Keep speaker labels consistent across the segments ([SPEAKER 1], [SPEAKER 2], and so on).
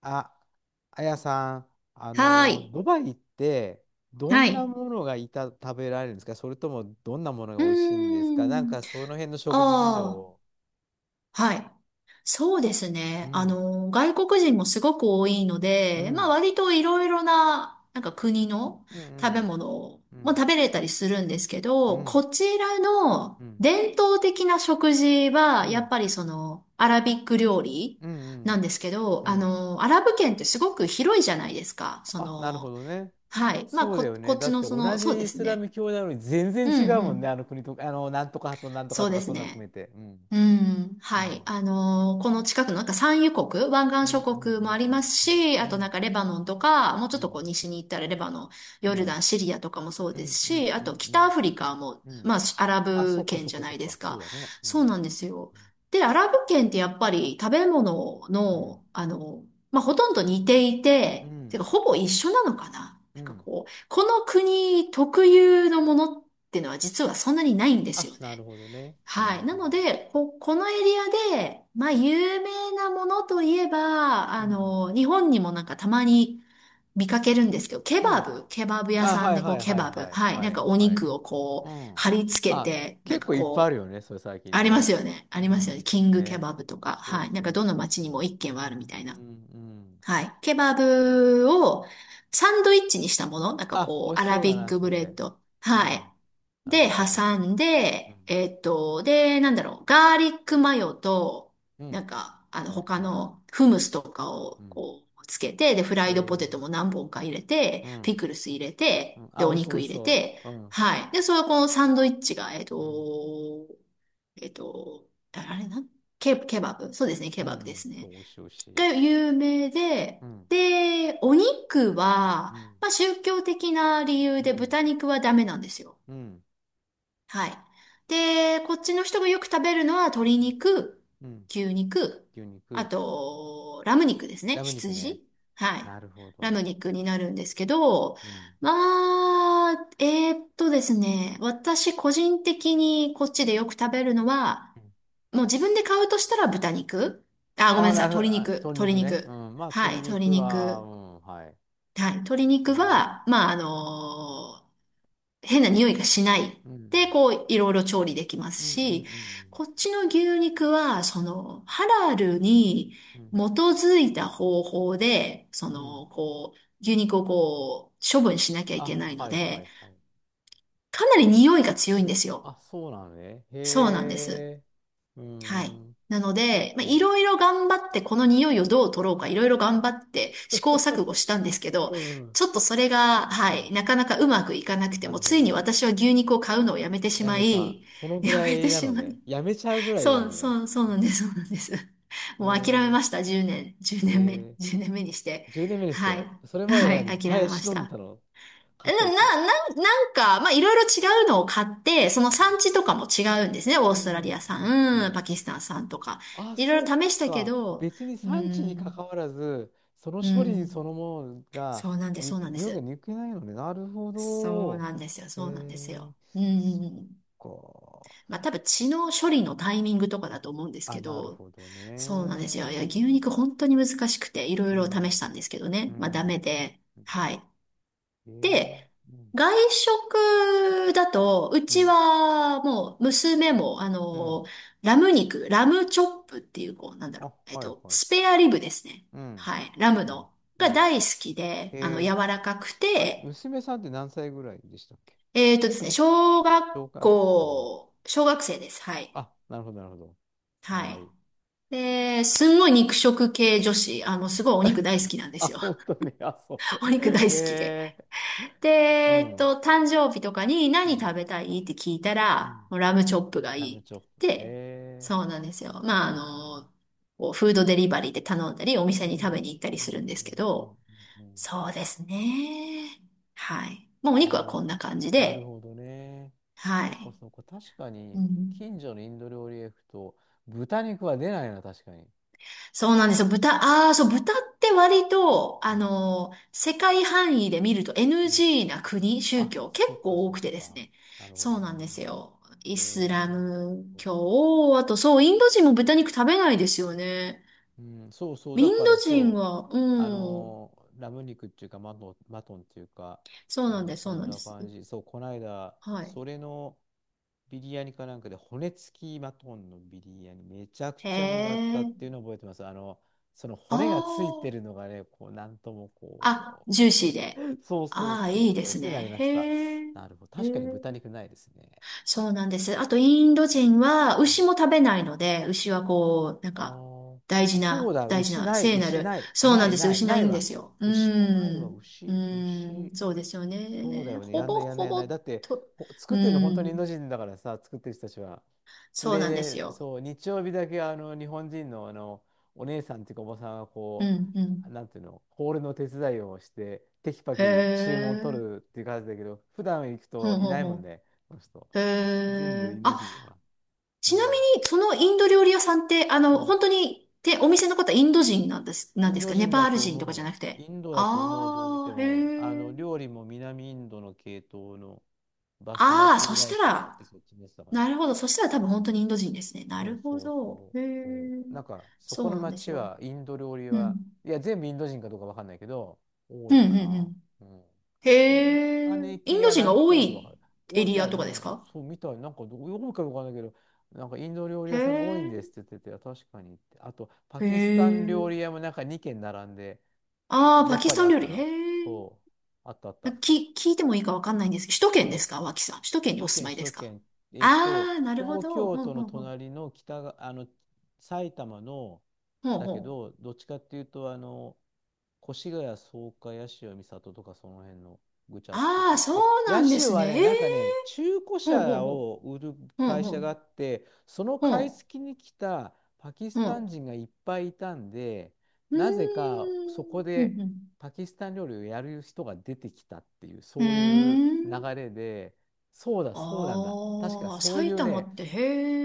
[SPEAKER 1] あ、あやさん、あ
[SPEAKER 2] は
[SPEAKER 1] の、
[SPEAKER 2] い。
[SPEAKER 1] ドバイって、ど
[SPEAKER 2] は
[SPEAKER 1] んな
[SPEAKER 2] い。
[SPEAKER 1] ものがいた、食べられるんですか？それとも、どんなものが
[SPEAKER 2] う
[SPEAKER 1] 美味しいんです
[SPEAKER 2] ー
[SPEAKER 1] か？なん
[SPEAKER 2] ん。
[SPEAKER 1] か、その辺の食事事情
[SPEAKER 2] あ
[SPEAKER 1] を。
[SPEAKER 2] あ、はい。そうです
[SPEAKER 1] う
[SPEAKER 2] ね。
[SPEAKER 1] ん、
[SPEAKER 2] 外国人もすごく多いの
[SPEAKER 1] う
[SPEAKER 2] で、まあ
[SPEAKER 1] ん、
[SPEAKER 2] 割といろいろな、なんか国の
[SPEAKER 1] うん、う
[SPEAKER 2] 食べ
[SPEAKER 1] ん、
[SPEAKER 2] 物
[SPEAKER 1] う
[SPEAKER 2] も
[SPEAKER 1] ん、
[SPEAKER 2] 食べれたりするんですけ
[SPEAKER 1] う
[SPEAKER 2] ど、
[SPEAKER 1] ん、
[SPEAKER 2] こちらの
[SPEAKER 1] うん、
[SPEAKER 2] 伝統的な食事
[SPEAKER 1] う
[SPEAKER 2] は、やっ
[SPEAKER 1] ん、
[SPEAKER 2] ぱりアラビック料理
[SPEAKER 1] う
[SPEAKER 2] な
[SPEAKER 1] ん、
[SPEAKER 2] んですけど、
[SPEAKER 1] うん。
[SPEAKER 2] アラブ圏ってすごく広いじゃないですか。
[SPEAKER 1] あ、なるほどね。
[SPEAKER 2] はい。まあ、
[SPEAKER 1] そうだ
[SPEAKER 2] こ、
[SPEAKER 1] よ
[SPEAKER 2] こ
[SPEAKER 1] ね。
[SPEAKER 2] っ
[SPEAKER 1] だ
[SPEAKER 2] ち
[SPEAKER 1] っ
[SPEAKER 2] の
[SPEAKER 1] て、同
[SPEAKER 2] そう
[SPEAKER 1] じ
[SPEAKER 2] で
[SPEAKER 1] イ
[SPEAKER 2] す
[SPEAKER 1] スラ
[SPEAKER 2] ね。
[SPEAKER 1] ム教なのに、全
[SPEAKER 2] う
[SPEAKER 1] 然
[SPEAKER 2] ん
[SPEAKER 1] 違う
[SPEAKER 2] う
[SPEAKER 1] もんね。
[SPEAKER 2] ん。
[SPEAKER 1] あの国とか、あの、なんとかとなんとか
[SPEAKER 2] そう
[SPEAKER 1] と
[SPEAKER 2] で
[SPEAKER 1] か、
[SPEAKER 2] す
[SPEAKER 1] そんなの含
[SPEAKER 2] ね。
[SPEAKER 1] めて。うん、
[SPEAKER 2] うん、
[SPEAKER 1] う
[SPEAKER 2] はい。
[SPEAKER 1] ん、
[SPEAKER 2] この近くのなんか産油国、湾
[SPEAKER 1] うん、う
[SPEAKER 2] 岸
[SPEAKER 1] ん、
[SPEAKER 2] 諸国もありますし、
[SPEAKER 1] うん、
[SPEAKER 2] あ
[SPEAKER 1] う
[SPEAKER 2] とな
[SPEAKER 1] ん、
[SPEAKER 2] んかレバノンとか、もうち
[SPEAKER 1] う
[SPEAKER 2] ょっ
[SPEAKER 1] ん、う
[SPEAKER 2] と
[SPEAKER 1] ん。
[SPEAKER 2] こう西に行ったらレバノン、
[SPEAKER 1] う
[SPEAKER 2] ヨルダ
[SPEAKER 1] ん
[SPEAKER 2] ン、シリアとかもそう
[SPEAKER 1] う
[SPEAKER 2] です
[SPEAKER 1] んうん
[SPEAKER 2] し、あ
[SPEAKER 1] う
[SPEAKER 2] と
[SPEAKER 1] んう
[SPEAKER 2] 北ア
[SPEAKER 1] ん
[SPEAKER 2] フリカも、
[SPEAKER 1] うん。
[SPEAKER 2] まあアラ
[SPEAKER 1] あ、そ
[SPEAKER 2] ブ
[SPEAKER 1] っか
[SPEAKER 2] 圏
[SPEAKER 1] そっ
[SPEAKER 2] じゃ
[SPEAKER 1] か
[SPEAKER 2] な
[SPEAKER 1] そ
[SPEAKER 2] い
[SPEAKER 1] っ
[SPEAKER 2] で
[SPEAKER 1] か、
[SPEAKER 2] す
[SPEAKER 1] そ
[SPEAKER 2] か。
[SPEAKER 1] うだね。う
[SPEAKER 2] そうな
[SPEAKER 1] ん。
[SPEAKER 2] んですよ。で、アラブ圏ってやっぱり食べ物
[SPEAKER 1] うん。
[SPEAKER 2] の、まあほとんど似てい
[SPEAKER 1] う
[SPEAKER 2] て、て
[SPEAKER 1] ん。
[SPEAKER 2] かほぼ一緒なのかな。
[SPEAKER 1] う
[SPEAKER 2] なんか
[SPEAKER 1] ん。
[SPEAKER 2] こう、この国特有のものってのは実はそんなにないんです
[SPEAKER 1] あ、
[SPEAKER 2] よ
[SPEAKER 1] な
[SPEAKER 2] ね。
[SPEAKER 1] るほどね。う
[SPEAKER 2] はい。
[SPEAKER 1] ん。う
[SPEAKER 2] なの
[SPEAKER 1] ん。
[SPEAKER 2] で、このエリアで、まあ、有名なものといえば、
[SPEAKER 1] うん。
[SPEAKER 2] 日本にもなんかたまに見かけるんですけど、ケ
[SPEAKER 1] う
[SPEAKER 2] バ
[SPEAKER 1] ん。
[SPEAKER 2] ブ、ケバブ屋
[SPEAKER 1] あ、
[SPEAKER 2] さ
[SPEAKER 1] は
[SPEAKER 2] ん
[SPEAKER 1] い
[SPEAKER 2] でこ
[SPEAKER 1] は
[SPEAKER 2] う、
[SPEAKER 1] い
[SPEAKER 2] ケ
[SPEAKER 1] はい
[SPEAKER 2] バブ、
[SPEAKER 1] はい
[SPEAKER 2] はい。な
[SPEAKER 1] は
[SPEAKER 2] ん
[SPEAKER 1] い
[SPEAKER 2] かお
[SPEAKER 1] はい。
[SPEAKER 2] 肉をこ
[SPEAKER 1] う
[SPEAKER 2] う、
[SPEAKER 1] ん。
[SPEAKER 2] 貼り付け
[SPEAKER 1] あ、
[SPEAKER 2] て、なん
[SPEAKER 1] 結
[SPEAKER 2] か
[SPEAKER 1] 構いっぱいあ
[SPEAKER 2] こ
[SPEAKER 1] る
[SPEAKER 2] う、
[SPEAKER 1] よね、それ最
[SPEAKER 2] あ
[SPEAKER 1] 近
[SPEAKER 2] りま
[SPEAKER 1] ね。
[SPEAKER 2] すよね。あり
[SPEAKER 1] う
[SPEAKER 2] ますよね。
[SPEAKER 1] ん。
[SPEAKER 2] キングケ
[SPEAKER 1] ね。
[SPEAKER 2] バブとか、
[SPEAKER 1] そ
[SPEAKER 2] は
[SPEAKER 1] う
[SPEAKER 2] い。なん
[SPEAKER 1] そ
[SPEAKER 2] か
[SPEAKER 1] う
[SPEAKER 2] どの
[SPEAKER 1] そう
[SPEAKER 2] 街にも
[SPEAKER 1] そ
[SPEAKER 2] 一軒はあるみたい
[SPEAKER 1] う。う
[SPEAKER 2] な。
[SPEAKER 1] んうん。
[SPEAKER 2] はい。ケバブをサンドイッチにしたもの。なんか
[SPEAKER 1] あ、美
[SPEAKER 2] こ
[SPEAKER 1] 味
[SPEAKER 2] う、
[SPEAKER 1] し
[SPEAKER 2] アラ
[SPEAKER 1] そうだ
[SPEAKER 2] ビッ
[SPEAKER 1] な、
[SPEAKER 2] ク
[SPEAKER 1] そ
[SPEAKER 2] ブレ
[SPEAKER 1] れ。
[SPEAKER 2] ッド。
[SPEAKER 1] う
[SPEAKER 2] はい。
[SPEAKER 1] ん。なる
[SPEAKER 2] で、
[SPEAKER 1] ほど。
[SPEAKER 2] 挟ん
[SPEAKER 1] う
[SPEAKER 2] で、
[SPEAKER 1] ん。
[SPEAKER 2] で、なんだろう、ガーリックマヨと、
[SPEAKER 1] う
[SPEAKER 2] な
[SPEAKER 1] ん。
[SPEAKER 2] んか、
[SPEAKER 1] ガーリッ
[SPEAKER 2] 他
[SPEAKER 1] クマヨ。
[SPEAKER 2] のフ
[SPEAKER 1] う
[SPEAKER 2] ム
[SPEAKER 1] ん。
[SPEAKER 2] スとか
[SPEAKER 1] う
[SPEAKER 2] を
[SPEAKER 1] ん。
[SPEAKER 2] こう、つけて、で、フライドポテトも
[SPEAKER 1] え
[SPEAKER 2] 何本か入れて、
[SPEAKER 1] ー、う
[SPEAKER 2] ピ
[SPEAKER 1] ん。
[SPEAKER 2] クルス入れ
[SPEAKER 1] う
[SPEAKER 2] て、
[SPEAKER 1] ん、
[SPEAKER 2] で、
[SPEAKER 1] あ、
[SPEAKER 2] お
[SPEAKER 1] 美味しそう、美
[SPEAKER 2] 肉
[SPEAKER 1] 味
[SPEAKER 2] 入
[SPEAKER 1] し
[SPEAKER 2] れ
[SPEAKER 1] そ
[SPEAKER 2] て、
[SPEAKER 1] う。うん。
[SPEAKER 2] はい。で、そのこのサンドイッチが、
[SPEAKER 1] うん。
[SPEAKER 2] えっと、ああれなんケバブそうですね、
[SPEAKER 1] う
[SPEAKER 2] ケ
[SPEAKER 1] ん。う
[SPEAKER 2] バブで
[SPEAKER 1] ん、
[SPEAKER 2] す
[SPEAKER 1] そ
[SPEAKER 2] ね。
[SPEAKER 1] う、美味しい、美味し
[SPEAKER 2] が
[SPEAKER 1] い。
[SPEAKER 2] 有名で、
[SPEAKER 1] うん。
[SPEAKER 2] で、お肉は、
[SPEAKER 1] うん。
[SPEAKER 2] まあ、宗教的な理由
[SPEAKER 1] う
[SPEAKER 2] で
[SPEAKER 1] ん。
[SPEAKER 2] 豚肉はダメなんですよ。
[SPEAKER 1] うん。
[SPEAKER 2] はい。で、こっちの人がよく食べるのは鶏肉、
[SPEAKER 1] うん。
[SPEAKER 2] 牛肉、
[SPEAKER 1] 牛
[SPEAKER 2] あ
[SPEAKER 1] 肉。
[SPEAKER 2] と、ラム肉ですね。
[SPEAKER 1] ラム肉ね。
[SPEAKER 2] 羊。はい。
[SPEAKER 1] なるほ
[SPEAKER 2] ラ
[SPEAKER 1] ど。
[SPEAKER 2] ム肉になるんですけど、
[SPEAKER 1] うん。
[SPEAKER 2] まあ、ですね、私個人的にこっちでよく食べるのは、
[SPEAKER 1] うん。
[SPEAKER 2] もう自分で買うとしたら豚肉。あ、ごめん
[SPEAKER 1] あ、
[SPEAKER 2] なさい。
[SPEAKER 1] なるほど。
[SPEAKER 2] 鶏
[SPEAKER 1] あ、
[SPEAKER 2] 肉。
[SPEAKER 1] 鶏
[SPEAKER 2] 鶏
[SPEAKER 1] 肉ね。う
[SPEAKER 2] 肉。
[SPEAKER 1] ん。まあ、
[SPEAKER 2] はい。
[SPEAKER 1] 鶏
[SPEAKER 2] 鶏
[SPEAKER 1] 肉は、う
[SPEAKER 2] 肉。
[SPEAKER 1] ん、はい。
[SPEAKER 2] はい。鶏
[SPEAKER 1] え
[SPEAKER 2] 肉
[SPEAKER 1] ー、
[SPEAKER 2] は、まあ、変な匂いがしない。
[SPEAKER 1] う
[SPEAKER 2] で、
[SPEAKER 1] ん。
[SPEAKER 2] こう、いろいろ調理できます
[SPEAKER 1] うん。う
[SPEAKER 2] し、
[SPEAKER 1] ん。
[SPEAKER 2] こっちの牛肉は、ハラルに
[SPEAKER 1] うん。うん。
[SPEAKER 2] 基づいた方法で、
[SPEAKER 1] うん、
[SPEAKER 2] こう、牛肉をこう、処分しなきゃいけ
[SPEAKER 1] あ、
[SPEAKER 2] ないの
[SPEAKER 1] はい、は
[SPEAKER 2] で、
[SPEAKER 1] い、はい。
[SPEAKER 2] かなり匂いが強いんですよ。
[SPEAKER 1] あ、そうなのね。へ
[SPEAKER 2] そうなんです。
[SPEAKER 1] え。うー
[SPEAKER 2] はい。
[SPEAKER 1] ん。
[SPEAKER 2] なので、ま
[SPEAKER 1] う
[SPEAKER 2] あ、い
[SPEAKER 1] ん。
[SPEAKER 2] ろいろ頑張って、この匂いをどう取ろうか、いろいろ頑張って試行錯誤した んですけど、
[SPEAKER 1] うん。
[SPEAKER 2] ちょっとそれが、
[SPEAKER 1] う
[SPEAKER 2] は
[SPEAKER 1] ん、
[SPEAKER 2] い、なかなかうまくいかなくて
[SPEAKER 1] な
[SPEAKER 2] も、
[SPEAKER 1] る
[SPEAKER 2] つ
[SPEAKER 1] ほ
[SPEAKER 2] いに
[SPEAKER 1] ど。
[SPEAKER 2] 私は牛肉を買うのをやめてし
[SPEAKER 1] や
[SPEAKER 2] ま
[SPEAKER 1] めた。
[SPEAKER 2] い、
[SPEAKER 1] そのぐ
[SPEAKER 2] や
[SPEAKER 1] ら
[SPEAKER 2] めて
[SPEAKER 1] いな
[SPEAKER 2] し
[SPEAKER 1] の
[SPEAKER 2] まい、
[SPEAKER 1] ね。やめちゃうぐらいな
[SPEAKER 2] そう、
[SPEAKER 1] のね。
[SPEAKER 2] そう、そうなんです、そうなんです。
[SPEAKER 1] へ
[SPEAKER 2] もう諦め
[SPEAKER 1] え
[SPEAKER 2] ました、10年、10
[SPEAKER 1] ー、
[SPEAKER 2] 年目、
[SPEAKER 1] えー、
[SPEAKER 2] 1年目にして。
[SPEAKER 1] 10年目にし
[SPEAKER 2] はい、
[SPEAKER 1] て、それまで
[SPEAKER 2] はい、
[SPEAKER 1] 何
[SPEAKER 2] 諦め
[SPEAKER 1] 耐え
[SPEAKER 2] まし
[SPEAKER 1] 忍んで
[SPEAKER 2] た。
[SPEAKER 1] たの？勝
[SPEAKER 2] な、
[SPEAKER 1] ってたで。
[SPEAKER 2] な、なんか、まあ、いろいろ違うのを買って、その産地とかも違うんですね。オ
[SPEAKER 1] う
[SPEAKER 2] ーストラリ
[SPEAKER 1] ん、
[SPEAKER 2] ア
[SPEAKER 1] うん、う
[SPEAKER 2] 産、うん
[SPEAKER 1] ん。
[SPEAKER 2] パキスタン産とか。
[SPEAKER 1] あ、
[SPEAKER 2] いろい
[SPEAKER 1] そう
[SPEAKER 2] ろ試したけ
[SPEAKER 1] か。
[SPEAKER 2] ど、
[SPEAKER 1] 別に
[SPEAKER 2] う
[SPEAKER 1] 産地に
[SPEAKER 2] ん、
[SPEAKER 1] 関わらず、その
[SPEAKER 2] う
[SPEAKER 1] 処理そ
[SPEAKER 2] ん、
[SPEAKER 1] のものが、
[SPEAKER 2] そうなんです、そうなんで
[SPEAKER 1] 匂いが
[SPEAKER 2] す。
[SPEAKER 1] 抜けないのね。なるほ
[SPEAKER 2] そう
[SPEAKER 1] ど。
[SPEAKER 2] なんですよ、
[SPEAKER 1] え
[SPEAKER 2] そうなんです
[SPEAKER 1] ー、
[SPEAKER 2] よ。うんう
[SPEAKER 1] そ
[SPEAKER 2] んう
[SPEAKER 1] っ
[SPEAKER 2] ん。まあ、多分血の処理のタイミングとかだと思うんです
[SPEAKER 1] か。あ、
[SPEAKER 2] け
[SPEAKER 1] なる
[SPEAKER 2] ど、
[SPEAKER 1] ほどね。う
[SPEAKER 2] そうなんですよ。いや、牛肉
[SPEAKER 1] ん、
[SPEAKER 2] 本当に難しくて、いろ
[SPEAKER 1] う
[SPEAKER 2] いろ試
[SPEAKER 1] ん。
[SPEAKER 2] したんですけどね。まあ、ダメで。
[SPEAKER 1] うん、
[SPEAKER 2] はい。
[SPEAKER 1] え
[SPEAKER 2] で、
[SPEAKER 1] ー、うん、
[SPEAKER 2] 外食だと、う
[SPEAKER 1] う
[SPEAKER 2] ち
[SPEAKER 1] ん、
[SPEAKER 2] はもう娘も、
[SPEAKER 1] うん。
[SPEAKER 2] ラム肉、ラムチョップっていう、こう、なんだ
[SPEAKER 1] あ、
[SPEAKER 2] ろう、
[SPEAKER 1] はいはい。
[SPEAKER 2] スペアリブですね。
[SPEAKER 1] うん、
[SPEAKER 2] はい、ラム
[SPEAKER 1] うん、
[SPEAKER 2] の。
[SPEAKER 1] う
[SPEAKER 2] が
[SPEAKER 1] ん。
[SPEAKER 2] 大好きで、
[SPEAKER 1] え
[SPEAKER 2] 柔らかく
[SPEAKER 1] ー、あれ、
[SPEAKER 2] て、
[SPEAKER 1] 娘さんって何歳ぐらいでしたっけ？
[SPEAKER 2] えっとですね、小学
[SPEAKER 1] 小学校。
[SPEAKER 2] 校、小学生です。はい。
[SPEAKER 1] あ、なるほど、なるほど。
[SPEAKER 2] はい。
[SPEAKER 1] はい。
[SPEAKER 2] で、すんごい肉食系女子、すごいお肉大好きなんで
[SPEAKER 1] あ、
[SPEAKER 2] すよ。
[SPEAKER 1] 本当に、あ、そ
[SPEAKER 2] お
[SPEAKER 1] う。
[SPEAKER 2] 肉大
[SPEAKER 1] へ
[SPEAKER 2] 好きで。
[SPEAKER 1] え、
[SPEAKER 2] で、
[SPEAKER 1] うん、う
[SPEAKER 2] 誕生日とかに
[SPEAKER 1] ん、
[SPEAKER 2] 何食べたいって聞いた
[SPEAKER 1] う
[SPEAKER 2] ら、
[SPEAKER 1] ん。
[SPEAKER 2] もうラムチョップがい
[SPEAKER 1] ラ
[SPEAKER 2] い
[SPEAKER 1] ム
[SPEAKER 2] っ
[SPEAKER 1] チョ
[SPEAKER 2] て
[SPEAKER 1] ップ。
[SPEAKER 2] 言って、
[SPEAKER 1] へえ、
[SPEAKER 2] そうなんですよ。まあ、
[SPEAKER 1] そっか。
[SPEAKER 2] の、こうフードデリバリーで頼んだり、お
[SPEAKER 1] う
[SPEAKER 2] 店
[SPEAKER 1] ん、う
[SPEAKER 2] に食べ
[SPEAKER 1] ん、
[SPEAKER 2] に行ったり
[SPEAKER 1] う
[SPEAKER 2] するんですけ
[SPEAKER 1] ん、うん、う
[SPEAKER 2] ど、
[SPEAKER 1] ん。うん、
[SPEAKER 2] そうですね。はい。もうお
[SPEAKER 1] へ
[SPEAKER 2] 肉はこ
[SPEAKER 1] え、
[SPEAKER 2] んな感じ
[SPEAKER 1] なる
[SPEAKER 2] で、
[SPEAKER 1] ほどね。
[SPEAKER 2] は
[SPEAKER 1] そっか、
[SPEAKER 2] い。
[SPEAKER 1] そっか。確か
[SPEAKER 2] う
[SPEAKER 1] に、
[SPEAKER 2] ん
[SPEAKER 1] 近所のインド料理屋行くと、豚肉は出ないな、確かに。
[SPEAKER 2] そうなんですよ。豚、ああ、そう、豚って割と、
[SPEAKER 1] うん、
[SPEAKER 2] 世界範囲で見ると
[SPEAKER 1] うん、
[SPEAKER 2] NG な国、宗
[SPEAKER 1] あ、
[SPEAKER 2] 教結
[SPEAKER 1] そっか
[SPEAKER 2] 構多
[SPEAKER 1] そっ
[SPEAKER 2] くてです
[SPEAKER 1] か。
[SPEAKER 2] ね。
[SPEAKER 1] なるほ
[SPEAKER 2] そ
[SPEAKER 1] ど
[SPEAKER 2] う
[SPEAKER 1] ね。
[SPEAKER 2] なんですよ。イスラ
[SPEAKER 1] え
[SPEAKER 2] ム
[SPEAKER 1] ー、そ
[SPEAKER 2] 教、あとそう、インド人も豚肉食べないですよね。
[SPEAKER 1] う、うん、そうそう、
[SPEAKER 2] イ
[SPEAKER 1] だ
[SPEAKER 2] ン
[SPEAKER 1] か
[SPEAKER 2] ド
[SPEAKER 1] ら
[SPEAKER 2] 人
[SPEAKER 1] そう、
[SPEAKER 2] は、
[SPEAKER 1] あ
[SPEAKER 2] うん、
[SPEAKER 1] のーラム肉っていうかマトン、マトンっていうか、
[SPEAKER 2] そう
[SPEAKER 1] う
[SPEAKER 2] なん
[SPEAKER 1] ん、
[SPEAKER 2] です、そ
[SPEAKER 1] そ
[SPEAKER 2] う
[SPEAKER 1] ん
[SPEAKER 2] なんで
[SPEAKER 1] な
[SPEAKER 2] す。
[SPEAKER 1] 感じ。そう、この間
[SPEAKER 2] はい。
[SPEAKER 1] それのビリヤニかなんかで、骨付きマトンのビリヤニ、めちゃく
[SPEAKER 2] へ
[SPEAKER 1] ちゃうまかったっ
[SPEAKER 2] え、
[SPEAKER 1] ていうのを覚えてます。あの、その骨がつい
[SPEAKER 2] あ
[SPEAKER 1] てるのがね、こう、なんとも
[SPEAKER 2] あ、あ、
[SPEAKER 1] こ
[SPEAKER 2] ジューシーで。
[SPEAKER 1] う、そうそう
[SPEAKER 2] ああ、
[SPEAKER 1] そう
[SPEAKER 2] いいで
[SPEAKER 1] そうっ
[SPEAKER 2] す
[SPEAKER 1] てなり
[SPEAKER 2] ね。
[SPEAKER 1] ま
[SPEAKER 2] へ
[SPEAKER 1] した。
[SPEAKER 2] え、
[SPEAKER 1] なるほど。
[SPEAKER 2] へ
[SPEAKER 1] 確かに豚
[SPEAKER 2] え。
[SPEAKER 1] 肉ないですね。
[SPEAKER 2] そうなんです。あと、インド人は
[SPEAKER 1] うん、
[SPEAKER 2] 牛も食べないので、牛はこう、なん
[SPEAKER 1] あ
[SPEAKER 2] か、
[SPEAKER 1] ー、
[SPEAKER 2] 大事
[SPEAKER 1] そう
[SPEAKER 2] な、
[SPEAKER 1] だ、
[SPEAKER 2] 大事
[SPEAKER 1] 牛
[SPEAKER 2] な、
[SPEAKER 1] ない、
[SPEAKER 2] 聖な
[SPEAKER 1] 牛
[SPEAKER 2] る。
[SPEAKER 1] ない、
[SPEAKER 2] そう
[SPEAKER 1] な
[SPEAKER 2] なん
[SPEAKER 1] い、
[SPEAKER 2] です。
[SPEAKER 1] ない、
[SPEAKER 2] 牛な
[SPEAKER 1] な
[SPEAKER 2] い
[SPEAKER 1] い
[SPEAKER 2] んで
[SPEAKER 1] わ。
[SPEAKER 2] すよ。う
[SPEAKER 1] 牛もない
[SPEAKER 2] ー
[SPEAKER 1] わ、
[SPEAKER 2] ん。う
[SPEAKER 1] 牛、
[SPEAKER 2] ーん。
[SPEAKER 1] 牛。
[SPEAKER 2] そうですよ
[SPEAKER 1] そうだ
[SPEAKER 2] ね。
[SPEAKER 1] よね、
[SPEAKER 2] ほ
[SPEAKER 1] やんな
[SPEAKER 2] ぼ
[SPEAKER 1] い、やんない、
[SPEAKER 2] ほ
[SPEAKER 1] やんな
[SPEAKER 2] ぼ
[SPEAKER 1] い。だって、
[SPEAKER 2] と、
[SPEAKER 1] ほ作
[SPEAKER 2] う
[SPEAKER 1] ってるの本当
[SPEAKER 2] ー
[SPEAKER 1] にインド
[SPEAKER 2] ん。
[SPEAKER 1] 人だからさ、作ってる人たちは。そ
[SPEAKER 2] そうなんです
[SPEAKER 1] れで、
[SPEAKER 2] よ。
[SPEAKER 1] そう、日曜日だけ、あの、日本人の、あの、お姉さんっていうか、おばさんが
[SPEAKER 2] う
[SPEAKER 1] こ
[SPEAKER 2] ん、う
[SPEAKER 1] う、
[SPEAKER 2] ん。
[SPEAKER 1] なんていうの、ホールの手伝いをして、テキパ
[SPEAKER 2] へ
[SPEAKER 1] キ注文取
[SPEAKER 2] え。
[SPEAKER 1] るっていう感じだけど、普段行く
[SPEAKER 2] ほ
[SPEAKER 1] と
[SPEAKER 2] う
[SPEAKER 1] い
[SPEAKER 2] ほう
[SPEAKER 1] ないもん
[SPEAKER 2] ほ
[SPEAKER 1] ね、この人。
[SPEAKER 2] う。へ
[SPEAKER 1] 全部イ
[SPEAKER 2] え。
[SPEAKER 1] ンド
[SPEAKER 2] あ、
[SPEAKER 1] 人だわ。う
[SPEAKER 2] ちなみ
[SPEAKER 1] ん。
[SPEAKER 2] に、そのインド料理屋さんって、
[SPEAKER 1] うん、
[SPEAKER 2] 本当に、で、お店の方、インド人なんです、な
[SPEAKER 1] イ
[SPEAKER 2] ん
[SPEAKER 1] ン
[SPEAKER 2] です
[SPEAKER 1] ド
[SPEAKER 2] かネ
[SPEAKER 1] 人
[SPEAKER 2] パ
[SPEAKER 1] だ
[SPEAKER 2] ール
[SPEAKER 1] と
[SPEAKER 2] 人とかじゃ
[SPEAKER 1] 思う。
[SPEAKER 2] なくて。
[SPEAKER 1] インドだと思う、どう見て
[SPEAKER 2] ああ、へ
[SPEAKER 1] も。あの、
[SPEAKER 2] え。
[SPEAKER 1] 料理も南インドの系統のバスマ
[SPEAKER 2] ああ、
[SPEAKER 1] テ
[SPEAKER 2] そ
[SPEAKER 1] ィ
[SPEAKER 2] し
[SPEAKER 1] ライ
[SPEAKER 2] た
[SPEAKER 1] スがあって、
[SPEAKER 2] ら、
[SPEAKER 1] そっちのやつだから。
[SPEAKER 2] なるほど。そしたら多
[SPEAKER 1] う
[SPEAKER 2] 分
[SPEAKER 1] ん、
[SPEAKER 2] 本当にインド人ですね。な
[SPEAKER 1] そう
[SPEAKER 2] るほ
[SPEAKER 1] そうそ
[SPEAKER 2] ど。
[SPEAKER 1] う。
[SPEAKER 2] へ
[SPEAKER 1] そ
[SPEAKER 2] え。
[SPEAKER 1] う、なんか、そ
[SPEAKER 2] そ
[SPEAKER 1] こ
[SPEAKER 2] う
[SPEAKER 1] の
[SPEAKER 2] なんです
[SPEAKER 1] 町
[SPEAKER 2] よ。
[SPEAKER 1] はインド料理
[SPEAKER 2] う
[SPEAKER 1] は、
[SPEAKER 2] ん。
[SPEAKER 1] いや、全部インド人かどうかわかんないけど、多
[SPEAKER 2] うん、
[SPEAKER 1] いか
[SPEAKER 2] うん、う
[SPEAKER 1] な。
[SPEAKER 2] ん。
[SPEAKER 1] うん。
[SPEAKER 2] へ
[SPEAKER 1] インパ
[SPEAKER 2] え。
[SPEAKER 1] ネ
[SPEAKER 2] イン
[SPEAKER 1] 系
[SPEAKER 2] ド
[SPEAKER 1] は
[SPEAKER 2] 人
[SPEAKER 1] な
[SPEAKER 2] が
[SPEAKER 1] ん
[SPEAKER 2] 多
[SPEAKER 1] となくわか
[SPEAKER 2] い
[SPEAKER 1] る。
[SPEAKER 2] エ
[SPEAKER 1] 多い、い
[SPEAKER 2] リ
[SPEAKER 1] や、
[SPEAKER 2] ア
[SPEAKER 1] う
[SPEAKER 2] とかです
[SPEAKER 1] ん、
[SPEAKER 2] か
[SPEAKER 1] そうみたい。なんかど、多いかどこかわかんないけど、なんかインド料理
[SPEAKER 2] へ
[SPEAKER 1] 屋さんが多
[SPEAKER 2] え。
[SPEAKER 1] いんですって言ってて、確かにって。あと、パ
[SPEAKER 2] へ
[SPEAKER 1] キスタン料
[SPEAKER 2] え。
[SPEAKER 1] 理屋もなんか2軒並んで、
[SPEAKER 2] ああ、
[SPEAKER 1] や
[SPEAKER 2] パ
[SPEAKER 1] っ
[SPEAKER 2] キ
[SPEAKER 1] ぱ
[SPEAKER 2] ス
[SPEAKER 1] り
[SPEAKER 2] タ
[SPEAKER 1] あ
[SPEAKER 2] ン
[SPEAKER 1] っ
[SPEAKER 2] 料
[SPEAKER 1] た
[SPEAKER 2] 理。
[SPEAKER 1] な。
[SPEAKER 2] へ
[SPEAKER 1] そう。あったあっ
[SPEAKER 2] え。
[SPEAKER 1] た。
[SPEAKER 2] 聞いてもいいかわかんないんですけど、首都
[SPEAKER 1] う
[SPEAKER 2] 圏
[SPEAKER 1] ん。
[SPEAKER 2] ですか脇さん。首都圏
[SPEAKER 1] 首
[SPEAKER 2] にお
[SPEAKER 1] 都
[SPEAKER 2] 住
[SPEAKER 1] 圏、
[SPEAKER 2] まい
[SPEAKER 1] 首
[SPEAKER 2] で
[SPEAKER 1] 都
[SPEAKER 2] すか
[SPEAKER 1] 圏。えっと、
[SPEAKER 2] ああー、なるほ
[SPEAKER 1] 東
[SPEAKER 2] ど。
[SPEAKER 1] 京
[SPEAKER 2] ほう
[SPEAKER 1] 都
[SPEAKER 2] ほ
[SPEAKER 1] の
[SPEAKER 2] うほう。
[SPEAKER 1] 隣の北が、あの、埼玉の、
[SPEAKER 2] ほう
[SPEAKER 1] だけ
[SPEAKER 2] ほう。
[SPEAKER 1] ど、どっちかっていうと、あの、越谷、草加、八潮、三郷とかその辺のぐちゃっとし
[SPEAKER 2] あ
[SPEAKER 1] た。
[SPEAKER 2] あ、そ
[SPEAKER 1] で、
[SPEAKER 2] うな
[SPEAKER 1] 八
[SPEAKER 2] んで
[SPEAKER 1] 潮
[SPEAKER 2] す
[SPEAKER 1] は
[SPEAKER 2] ね。え
[SPEAKER 1] ね、
[SPEAKER 2] え。
[SPEAKER 1] なんかね、中古
[SPEAKER 2] ほうほう
[SPEAKER 1] 車
[SPEAKER 2] ほ
[SPEAKER 1] を売る
[SPEAKER 2] う。ほう
[SPEAKER 1] 会
[SPEAKER 2] ほ
[SPEAKER 1] 社があ
[SPEAKER 2] う。
[SPEAKER 1] って、その買い
[SPEAKER 2] ほ
[SPEAKER 1] 付
[SPEAKER 2] う。
[SPEAKER 1] けに来たパキス
[SPEAKER 2] ほ
[SPEAKER 1] タン
[SPEAKER 2] う
[SPEAKER 1] 人がいっぱいいたんで、
[SPEAKER 2] うー
[SPEAKER 1] なぜかそこ
[SPEAKER 2] ん。うん
[SPEAKER 1] で
[SPEAKER 2] うん。
[SPEAKER 1] パキスタン料理をやる人が出てきたっていう、
[SPEAKER 2] うー
[SPEAKER 1] そういう
[SPEAKER 2] ん。
[SPEAKER 1] 流れで、そうだ、そうなんだ。確か
[SPEAKER 2] ああ、
[SPEAKER 1] そうい
[SPEAKER 2] 埼
[SPEAKER 1] う
[SPEAKER 2] 玉
[SPEAKER 1] ね、
[SPEAKER 2] って、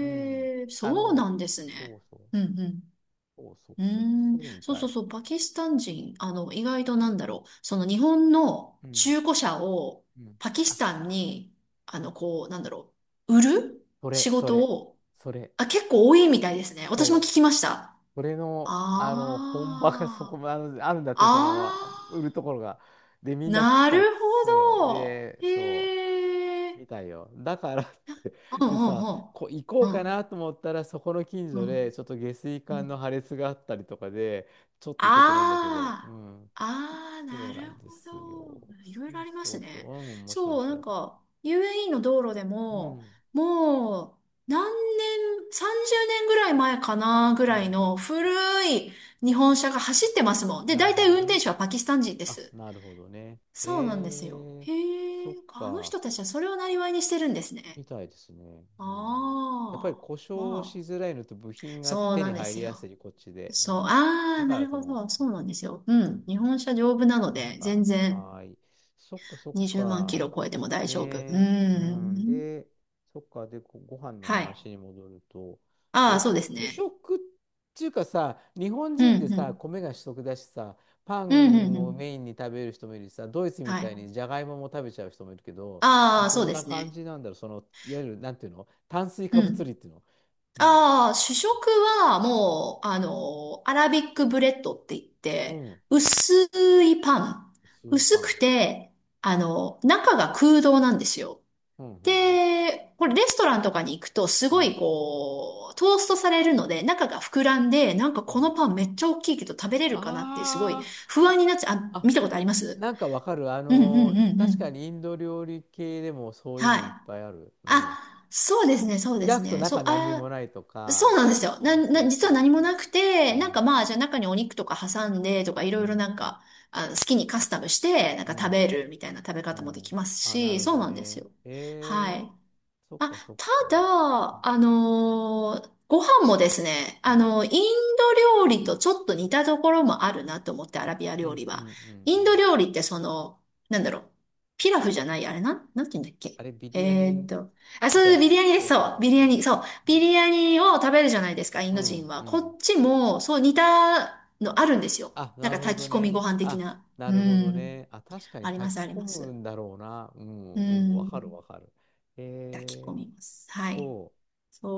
[SPEAKER 1] うん、
[SPEAKER 2] え、
[SPEAKER 1] あ
[SPEAKER 2] そう
[SPEAKER 1] の、
[SPEAKER 2] なんです
[SPEAKER 1] そ
[SPEAKER 2] ね。
[SPEAKER 1] うそう、
[SPEAKER 2] うんうん。
[SPEAKER 1] そうそうそう、
[SPEAKER 2] うー
[SPEAKER 1] そ
[SPEAKER 2] ん。
[SPEAKER 1] うみ
[SPEAKER 2] そう
[SPEAKER 1] た
[SPEAKER 2] そう
[SPEAKER 1] い。
[SPEAKER 2] そう、パキスタン人、意外となんだろう。その日本の
[SPEAKER 1] うん、
[SPEAKER 2] 中古車を
[SPEAKER 1] うん。
[SPEAKER 2] パキス
[SPEAKER 1] あ、
[SPEAKER 2] タンに、こう、なんだろう。売る
[SPEAKER 1] そ
[SPEAKER 2] 仕
[SPEAKER 1] れ、そ
[SPEAKER 2] 事
[SPEAKER 1] れ、
[SPEAKER 2] を、
[SPEAKER 1] それ、
[SPEAKER 2] あ、結構多いみたいですね。私も聞
[SPEAKER 1] そ
[SPEAKER 2] きま
[SPEAKER 1] う、
[SPEAKER 2] した。
[SPEAKER 1] それの、あの、本場が そこ
[SPEAKER 2] あ
[SPEAKER 1] まであるんだ
[SPEAKER 2] あ、
[SPEAKER 1] って、その、
[SPEAKER 2] あ
[SPEAKER 1] まあ売る
[SPEAKER 2] あ。
[SPEAKER 1] ところが。で、みんな来
[SPEAKER 2] な
[SPEAKER 1] ち
[SPEAKER 2] る
[SPEAKER 1] ゃって、そ
[SPEAKER 2] ほ
[SPEAKER 1] う、
[SPEAKER 2] ど。
[SPEAKER 1] で、そ
[SPEAKER 2] へえ。
[SPEAKER 1] う、みたいよ。だからって、
[SPEAKER 2] うん
[SPEAKER 1] で
[SPEAKER 2] う
[SPEAKER 1] さ、
[SPEAKER 2] ん
[SPEAKER 1] 行こ
[SPEAKER 2] う
[SPEAKER 1] う
[SPEAKER 2] ん。う
[SPEAKER 1] か
[SPEAKER 2] ん
[SPEAKER 1] なと思ったら、そこの近
[SPEAKER 2] う
[SPEAKER 1] 所で、
[SPEAKER 2] ん
[SPEAKER 1] ちょっと下水
[SPEAKER 2] う
[SPEAKER 1] 管の
[SPEAKER 2] ん。
[SPEAKER 1] 破裂があったりとかで、ちょっと行けてないんだけど、う
[SPEAKER 2] ああ。
[SPEAKER 1] ん、
[SPEAKER 2] ああ、
[SPEAKER 1] そ
[SPEAKER 2] な
[SPEAKER 1] うな
[SPEAKER 2] る
[SPEAKER 1] んで
[SPEAKER 2] ほ
[SPEAKER 1] すよ。
[SPEAKER 2] ど。いろい
[SPEAKER 1] そ
[SPEAKER 2] ろあ
[SPEAKER 1] う
[SPEAKER 2] りま
[SPEAKER 1] そ
[SPEAKER 2] す
[SPEAKER 1] うそう、う
[SPEAKER 2] ね。
[SPEAKER 1] ん、面白い、面
[SPEAKER 2] そう、な
[SPEAKER 1] 白
[SPEAKER 2] ん
[SPEAKER 1] い。
[SPEAKER 2] か、UAE の道路で
[SPEAKER 1] う
[SPEAKER 2] も、
[SPEAKER 1] ん、
[SPEAKER 2] もう、何年、30年ぐらい前かな、ぐ
[SPEAKER 1] う
[SPEAKER 2] らい
[SPEAKER 1] ん、
[SPEAKER 2] の古い日本車が走ってますもん。で、
[SPEAKER 1] なる
[SPEAKER 2] 大
[SPEAKER 1] ほ
[SPEAKER 2] 体
[SPEAKER 1] ど
[SPEAKER 2] 運
[SPEAKER 1] ね。
[SPEAKER 2] 転手はパキスタン人で
[SPEAKER 1] あ、
[SPEAKER 2] す。
[SPEAKER 1] なるほどね。
[SPEAKER 2] そうなんですよ。
[SPEAKER 1] えー、
[SPEAKER 2] へ
[SPEAKER 1] そ
[SPEAKER 2] え。
[SPEAKER 1] っ
[SPEAKER 2] あの
[SPEAKER 1] か、
[SPEAKER 2] 人たちはそれを生りにしてるんですね。
[SPEAKER 1] みたいですね。うん、
[SPEAKER 2] あ
[SPEAKER 1] やっぱり
[SPEAKER 2] あ、
[SPEAKER 1] 故障し
[SPEAKER 2] まあ、
[SPEAKER 1] づらいのと部品が
[SPEAKER 2] そう
[SPEAKER 1] 手
[SPEAKER 2] な
[SPEAKER 1] に
[SPEAKER 2] んで
[SPEAKER 1] 入り
[SPEAKER 2] す
[SPEAKER 1] やす
[SPEAKER 2] よ。
[SPEAKER 1] い、こっちで。う
[SPEAKER 2] そう、
[SPEAKER 1] ん、
[SPEAKER 2] あ
[SPEAKER 1] だ
[SPEAKER 2] あ、
[SPEAKER 1] か
[SPEAKER 2] な
[SPEAKER 1] ら
[SPEAKER 2] る
[SPEAKER 1] と
[SPEAKER 2] ほ
[SPEAKER 1] も。
[SPEAKER 2] ど、そうなんですよ。う
[SPEAKER 1] うん、
[SPEAKER 2] ん、日本車丈夫な
[SPEAKER 1] そ
[SPEAKER 2] の
[SPEAKER 1] っ
[SPEAKER 2] で、全
[SPEAKER 1] か。
[SPEAKER 2] 然
[SPEAKER 1] はーい。そっか、そっ
[SPEAKER 2] 20万キ
[SPEAKER 1] か。
[SPEAKER 2] ロ超えても大丈夫。う
[SPEAKER 1] ええ、うん。
[SPEAKER 2] ん、
[SPEAKER 1] で、そっか。で、ご飯の
[SPEAKER 2] はい。
[SPEAKER 1] 話に戻ると、
[SPEAKER 2] ああ、
[SPEAKER 1] え、
[SPEAKER 2] そうです
[SPEAKER 1] 主
[SPEAKER 2] ね。
[SPEAKER 1] 食っていうかさ、日本
[SPEAKER 2] う
[SPEAKER 1] 人で
[SPEAKER 2] ん、う
[SPEAKER 1] さ、
[SPEAKER 2] ん、
[SPEAKER 1] 米が主食だしさ、パ
[SPEAKER 2] うん、うん、う
[SPEAKER 1] ンを
[SPEAKER 2] ん。
[SPEAKER 1] メインに食べる人もいるしさ、ドイツみ
[SPEAKER 2] は
[SPEAKER 1] たい
[SPEAKER 2] い。
[SPEAKER 1] にじゃがいもも食べちゃう人もいるけど、
[SPEAKER 2] ああ、
[SPEAKER 1] ど
[SPEAKER 2] そう
[SPEAKER 1] ん
[SPEAKER 2] で
[SPEAKER 1] な
[SPEAKER 2] す
[SPEAKER 1] 感
[SPEAKER 2] ね。
[SPEAKER 1] じなんだろう、その、いわゆる、なんていうの？炭水
[SPEAKER 2] う
[SPEAKER 1] 化物類っ
[SPEAKER 2] ん。
[SPEAKER 1] ていうの。うん。
[SPEAKER 2] ああ、主食はもう、アラビックブレッドって言っ
[SPEAKER 1] う
[SPEAKER 2] て、
[SPEAKER 1] ん。
[SPEAKER 2] 薄いパン。
[SPEAKER 1] 薄い
[SPEAKER 2] 薄
[SPEAKER 1] パ
[SPEAKER 2] く
[SPEAKER 1] ン。
[SPEAKER 2] て、中が空洞なんですよ。
[SPEAKER 1] うん、うん、うん。
[SPEAKER 2] で、これレストランとかに行くとす
[SPEAKER 1] う
[SPEAKER 2] ご
[SPEAKER 1] ん。
[SPEAKER 2] いこう、トーストされるので中が膨らんで、なんか
[SPEAKER 1] う
[SPEAKER 2] この
[SPEAKER 1] ん、
[SPEAKER 2] パンめっちゃ大きいけど食べれるかなってすごい
[SPEAKER 1] あ
[SPEAKER 2] 不
[SPEAKER 1] ー
[SPEAKER 2] 安
[SPEAKER 1] あ、
[SPEAKER 2] になっちゃう。あ、見
[SPEAKER 1] あ、
[SPEAKER 2] たことあります
[SPEAKER 1] なんかわかる。あ
[SPEAKER 2] うんうんう
[SPEAKER 1] の
[SPEAKER 2] んう
[SPEAKER 1] 確か
[SPEAKER 2] ん。
[SPEAKER 1] にインド料理系でもそういう
[SPEAKER 2] は
[SPEAKER 1] の
[SPEAKER 2] い。
[SPEAKER 1] いっぱいある。うん。
[SPEAKER 2] あ、そうですね、そうで
[SPEAKER 1] 開
[SPEAKER 2] す
[SPEAKER 1] くと
[SPEAKER 2] ね。そ
[SPEAKER 1] 中
[SPEAKER 2] う、
[SPEAKER 1] 何にも
[SPEAKER 2] あ、
[SPEAKER 1] ないと
[SPEAKER 2] そう
[SPEAKER 1] か。
[SPEAKER 2] なんですよ。
[SPEAKER 1] そうそう
[SPEAKER 2] 実
[SPEAKER 1] そ
[SPEAKER 2] は
[SPEAKER 1] う
[SPEAKER 2] 何も
[SPEAKER 1] そ
[SPEAKER 2] なく
[SPEAKER 1] う。
[SPEAKER 2] て、
[SPEAKER 1] う
[SPEAKER 2] なんか
[SPEAKER 1] ん。
[SPEAKER 2] まあ、じゃあ中にお肉とか挟んでとかい
[SPEAKER 1] う
[SPEAKER 2] ろいろ
[SPEAKER 1] ん。
[SPEAKER 2] なんか、あ、好きにカスタムして、なん
[SPEAKER 1] う
[SPEAKER 2] か食
[SPEAKER 1] ん。
[SPEAKER 2] べるみたいな食べ
[SPEAKER 1] う
[SPEAKER 2] 方もでき
[SPEAKER 1] ん。
[SPEAKER 2] ます
[SPEAKER 1] あ、な
[SPEAKER 2] し、
[SPEAKER 1] るほ
[SPEAKER 2] そう
[SPEAKER 1] ど
[SPEAKER 2] なんです
[SPEAKER 1] ね。
[SPEAKER 2] よ。
[SPEAKER 1] え
[SPEAKER 2] は
[SPEAKER 1] え、
[SPEAKER 2] い。
[SPEAKER 1] そっ
[SPEAKER 2] あ、
[SPEAKER 1] かそっ
[SPEAKER 2] た
[SPEAKER 1] か。うん。
[SPEAKER 2] だ、ご飯もですね、
[SPEAKER 1] うん。
[SPEAKER 2] インド料理とちょっと似たところもあるなと思って、アラビア
[SPEAKER 1] う
[SPEAKER 2] 料
[SPEAKER 1] ん。
[SPEAKER 2] 理
[SPEAKER 1] うん。う
[SPEAKER 2] は。インド
[SPEAKER 1] ん。
[SPEAKER 2] 料理ってなんだろう、ピラフじゃない、あれなん、なんて言うんだっ
[SPEAKER 1] あ
[SPEAKER 2] け。
[SPEAKER 1] れ、ビリヤ
[SPEAKER 2] えーっ
[SPEAKER 1] ニ
[SPEAKER 2] と、あ、
[SPEAKER 1] み
[SPEAKER 2] そ
[SPEAKER 1] た
[SPEAKER 2] う、
[SPEAKER 1] い
[SPEAKER 2] ビ
[SPEAKER 1] な。
[SPEAKER 2] リヤニで
[SPEAKER 1] そ
[SPEAKER 2] す、
[SPEAKER 1] うそう
[SPEAKER 2] そう、
[SPEAKER 1] そう
[SPEAKER 2] ビリヤ
[SPEAKER 1] そ
[SPEAKER 2] ニ、そう、
[SPEAKER 1] う。う
[SPEAKER 2] ビリ
[SPEAKER 1] ん。
[SPEAKER 2] ヤニを食べるじゃないですか、イン
[SPEAKER 1] う
[SPEAKER 2] ド人
[SPEAKER 1] ん。う
[SPEAKER 2] は。こっ
[SPEAKER 1] ん、
[SPEAKER 2] ちも、そう、似たのあるんですよ。
[SPEAKER 1] あ、
[SPEAKER 2] なん
[SPEAKER 1] な
[SPEAKER 2] か
[SPEAKER 1] るほど
[SPEAKER 2] 炊き込みご
[SPEAKER 1] ね。
[SPEAKER 2] 飯的
[SPEAKER 1] あ、
[SPEAKER 2] な。
[SPEAKER 1] な
[SPEAKER 2] う
[SPEAKER 1] るほど
[SPEAKER 2] ん、
[SPEAKER 1] ね。あ、確かに
[SPEAKER 2] あります、
[SPEAKER 1] 炊
[SPEAKER 2] あ
[SPEAKER 1] き
[SPEAKER 2] り
[SPEAKER 1] 込
[SPEAKER 2] ま
[SPEAKER 1] む
[SPEAKER 2] す。
[SPEAKER 1] んだろうな。うん、
[SPEAKER 2] う
[SPEAKER 1] うん、わかる
[SPEAKER 2] ん、
[SPEAKER 1] わかる。
[SPEAKER 2] 炊き込
[SPEAKER 1] えー、
[SPEAKER 2] みます。はい。
[SPEAKER 1] そ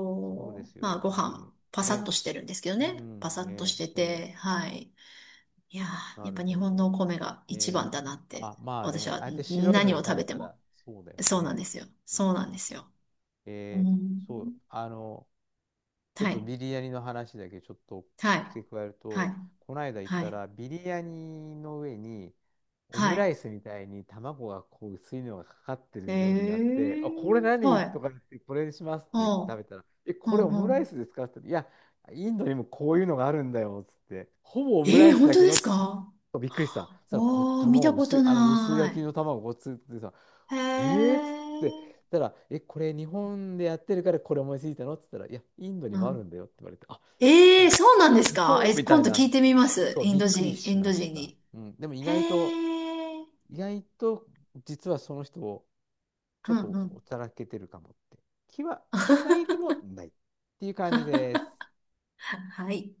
[SPEAKER 1] う、そうで
[SPEAKER 2] う、
[SPEAKER 1] す
[SPEAKER 2] まあ
[SPEAKER 1] よ。
[SPEAKER 2] ご
[SPEAKER 1] で、
[SPEAKER 2] 飯、パサッ
[SPEAKER 1] ね、
[SPEAKER 2] としてるんですけど
[SPEAKER 1] う
[SPEAKER 2] ね。パ
[SPEAKER 1] ん、
[SPEAKER 2] サッと
[SPEAKER 1] ね、
[SPEAKER 2] して
[SPEAKER 1] そ
[SPEAKER 2] て、はい。いや
[SPEAKER 1] う、
[SPEAKER 2] ー、
[SPEAKER 1] な
[SPEAKER 2] やっぱ
[SPEAKER 1] る
[SPEAKER 2] 日
[SPEAKER 1] ほ
[SPEAKER 2] 本のお
[SPEAKER 1] ど。
[SPEAKER 2] 米が一番
[SPEAKER 1] ね、
[SPEAKER 2] だなって、
[SPEAKER 1] あ、まあ
[SPEAKER 2] 私
[SPEAKER 1] ね、
[SPEAKER 2] は
[SPEAKER 1] ああやって
[SPEAKER 2] ん
[SPEAKER 1] 白いの
[SPEAKER 2] 何
[SPEAKER 1] で
[SPEAKER 2] を食
[SPEAKER 1] 食
[SPEAKER 2] べ
[SPEAKER 1] べ
[SPEAKER 2] て
[SPEAKER 1] た
[SPEAKER 2] も。
[SPEAKER 1] ら、そうだよ
[SPEAKER 2] そうなん
[SPEAKER 1] ね。
[SPEAKER 2] ですよ。
[SPEAKER 1] そう
[SPEAKER 2] そう
[SPEAKER 1] そ
[SPEAKER 2] なん
[SPEAKER 1] う
[SPEAKER 2] で
[SPEAKER 1] そ
[SPEAKER 2] す
[SPEAKER 1] う。
[SPEAKER 2] よ。う
[SPEAKER 1] えー、
[SPEAKER 2] ん。
[SPEAKER 1] そう、あの、ちょっ
[SPEAKER 2] は
[SPEAKER 1] と
[SPEAKER 2] い。
[SPEAKER 1] ビリヤニの話だけちょっと
[SPEAKER 2] はい。
[SPEAKER 1] 付け加える
[SPEAKER 2] は
[SPEAKER 1] と、
[SPEAKER 2] い。
[SPEAKER 1] この間行っ
[SPEAKER 2] は
[SPEAKER 1] た
[SPEAKER 2] い。
[SPEAKER 1] らビリヤニの上にオムラ
[SPEAKER 2] は
[SPEAKER 1] イスみたいに卵がこう薄いのがかかって
[SPEAKER 2] い。え
[SPEAKER 1] る料理があって、あ、これ
[SPEAKER 2] ー、
[SPEAKER 1] 何
[SPEAKER 2] は
[SPEAKER 1] と
[SPEAKER 2] い。
[SPEAKER 1] か言って、これにしますと
[SPEAKER 2] う
[SPEAKER 1] か言って
[SPEAKER 2] ん。
[SPEAKER 1] 食べたら、え、
[SPEAKER 2] う
[SPEAKER 1] これオム
[SPEAKER 2] ん。う
[SPEAKER 1] ライ
[SPEAKER 2] ん。
[SPEAKER 1] スですか？って言ったら、いや、インドにもこういうのがあるんだよっつって、ほぼオムラ
[SPEAKER 2] え
[SPEAKER 1] イ
[SPEAKER 2] ー、
[SPEAKER 1] ス
[SPEAKER 2] 本
[SPEAKER 1] だ
[SPEAKER 2] 当
[SPEAKER 1] け
[SPEAKER 2] です
[SPEAKER 1] ど、
[SPEAKER 2] か
[SPEAKER 1] びっくりした。そしたらこう、
[SPEAKER 2] おー、見
[SPEAKER 1] 卵
[SPEAKER 2] たこ
[SPEAKER 1] 薄い、
[SPEAKER 2] と
[SPEAKER 1] あの薄焼き
[SPEAKER 2] な
[SPEAKER 1] の卵ごっつってさ、
[SPEAKER 2] い。へ
[SPEAKER 1] えーっつって、
[SPEAKER 2] え
[SPEAKER 1] たら、え、これ日本でやってるからこれ思いついたの？って言ったら、いや、インドに
[SPEAKER 2] う
[SPEAKER 1] もある
[SPEAKER 2] ん
[SPEAKER 1] んだよって言われて、あ、そ
[SPEAKER 2] ええ
[SPEAKER 1] う、
[SPEAKER 2] そうなんですか
[SPEAKER 1] そう
[SPEAKER 2] え、
[SPEAKER 1] みた
[SPEAKER 2] 今
[SPEAKER 1] い
[SPEAKER 2] 度聞
[SPEAKER 1] な、
[SPEAKER 2] いてみます。
[SPEAKER 1] そう、
[SPEAKER 2] イン
[SPEAKER 1] びっ
[SPEAKER 2] ド
[SPEAKER 1] くり
[SPEAKER 2] 人、イ
[SPEAKER 1] し
[SPEAKER 2] ンド
[SPEAKER 1] まし
[SPEAKER 2] 人
[SPEAKER 1] た。
[SPEAKER 2] に。
[SPEAKER 1] うん、でも意
[SPEAKER 2] へ
[SPEAKER 1] 外と、
[SPEAKER 2] え。
[SPEAKER 1] 意外と実はその人をち
[SPEAKER 2] う
[SPEAKER 1] ょっと
[SPEAKER 2] んうん。
[SPEAKER 1] おちゃらけてるかもって気はしないでもないっていう感じです。
[SPEAKER 2] はい。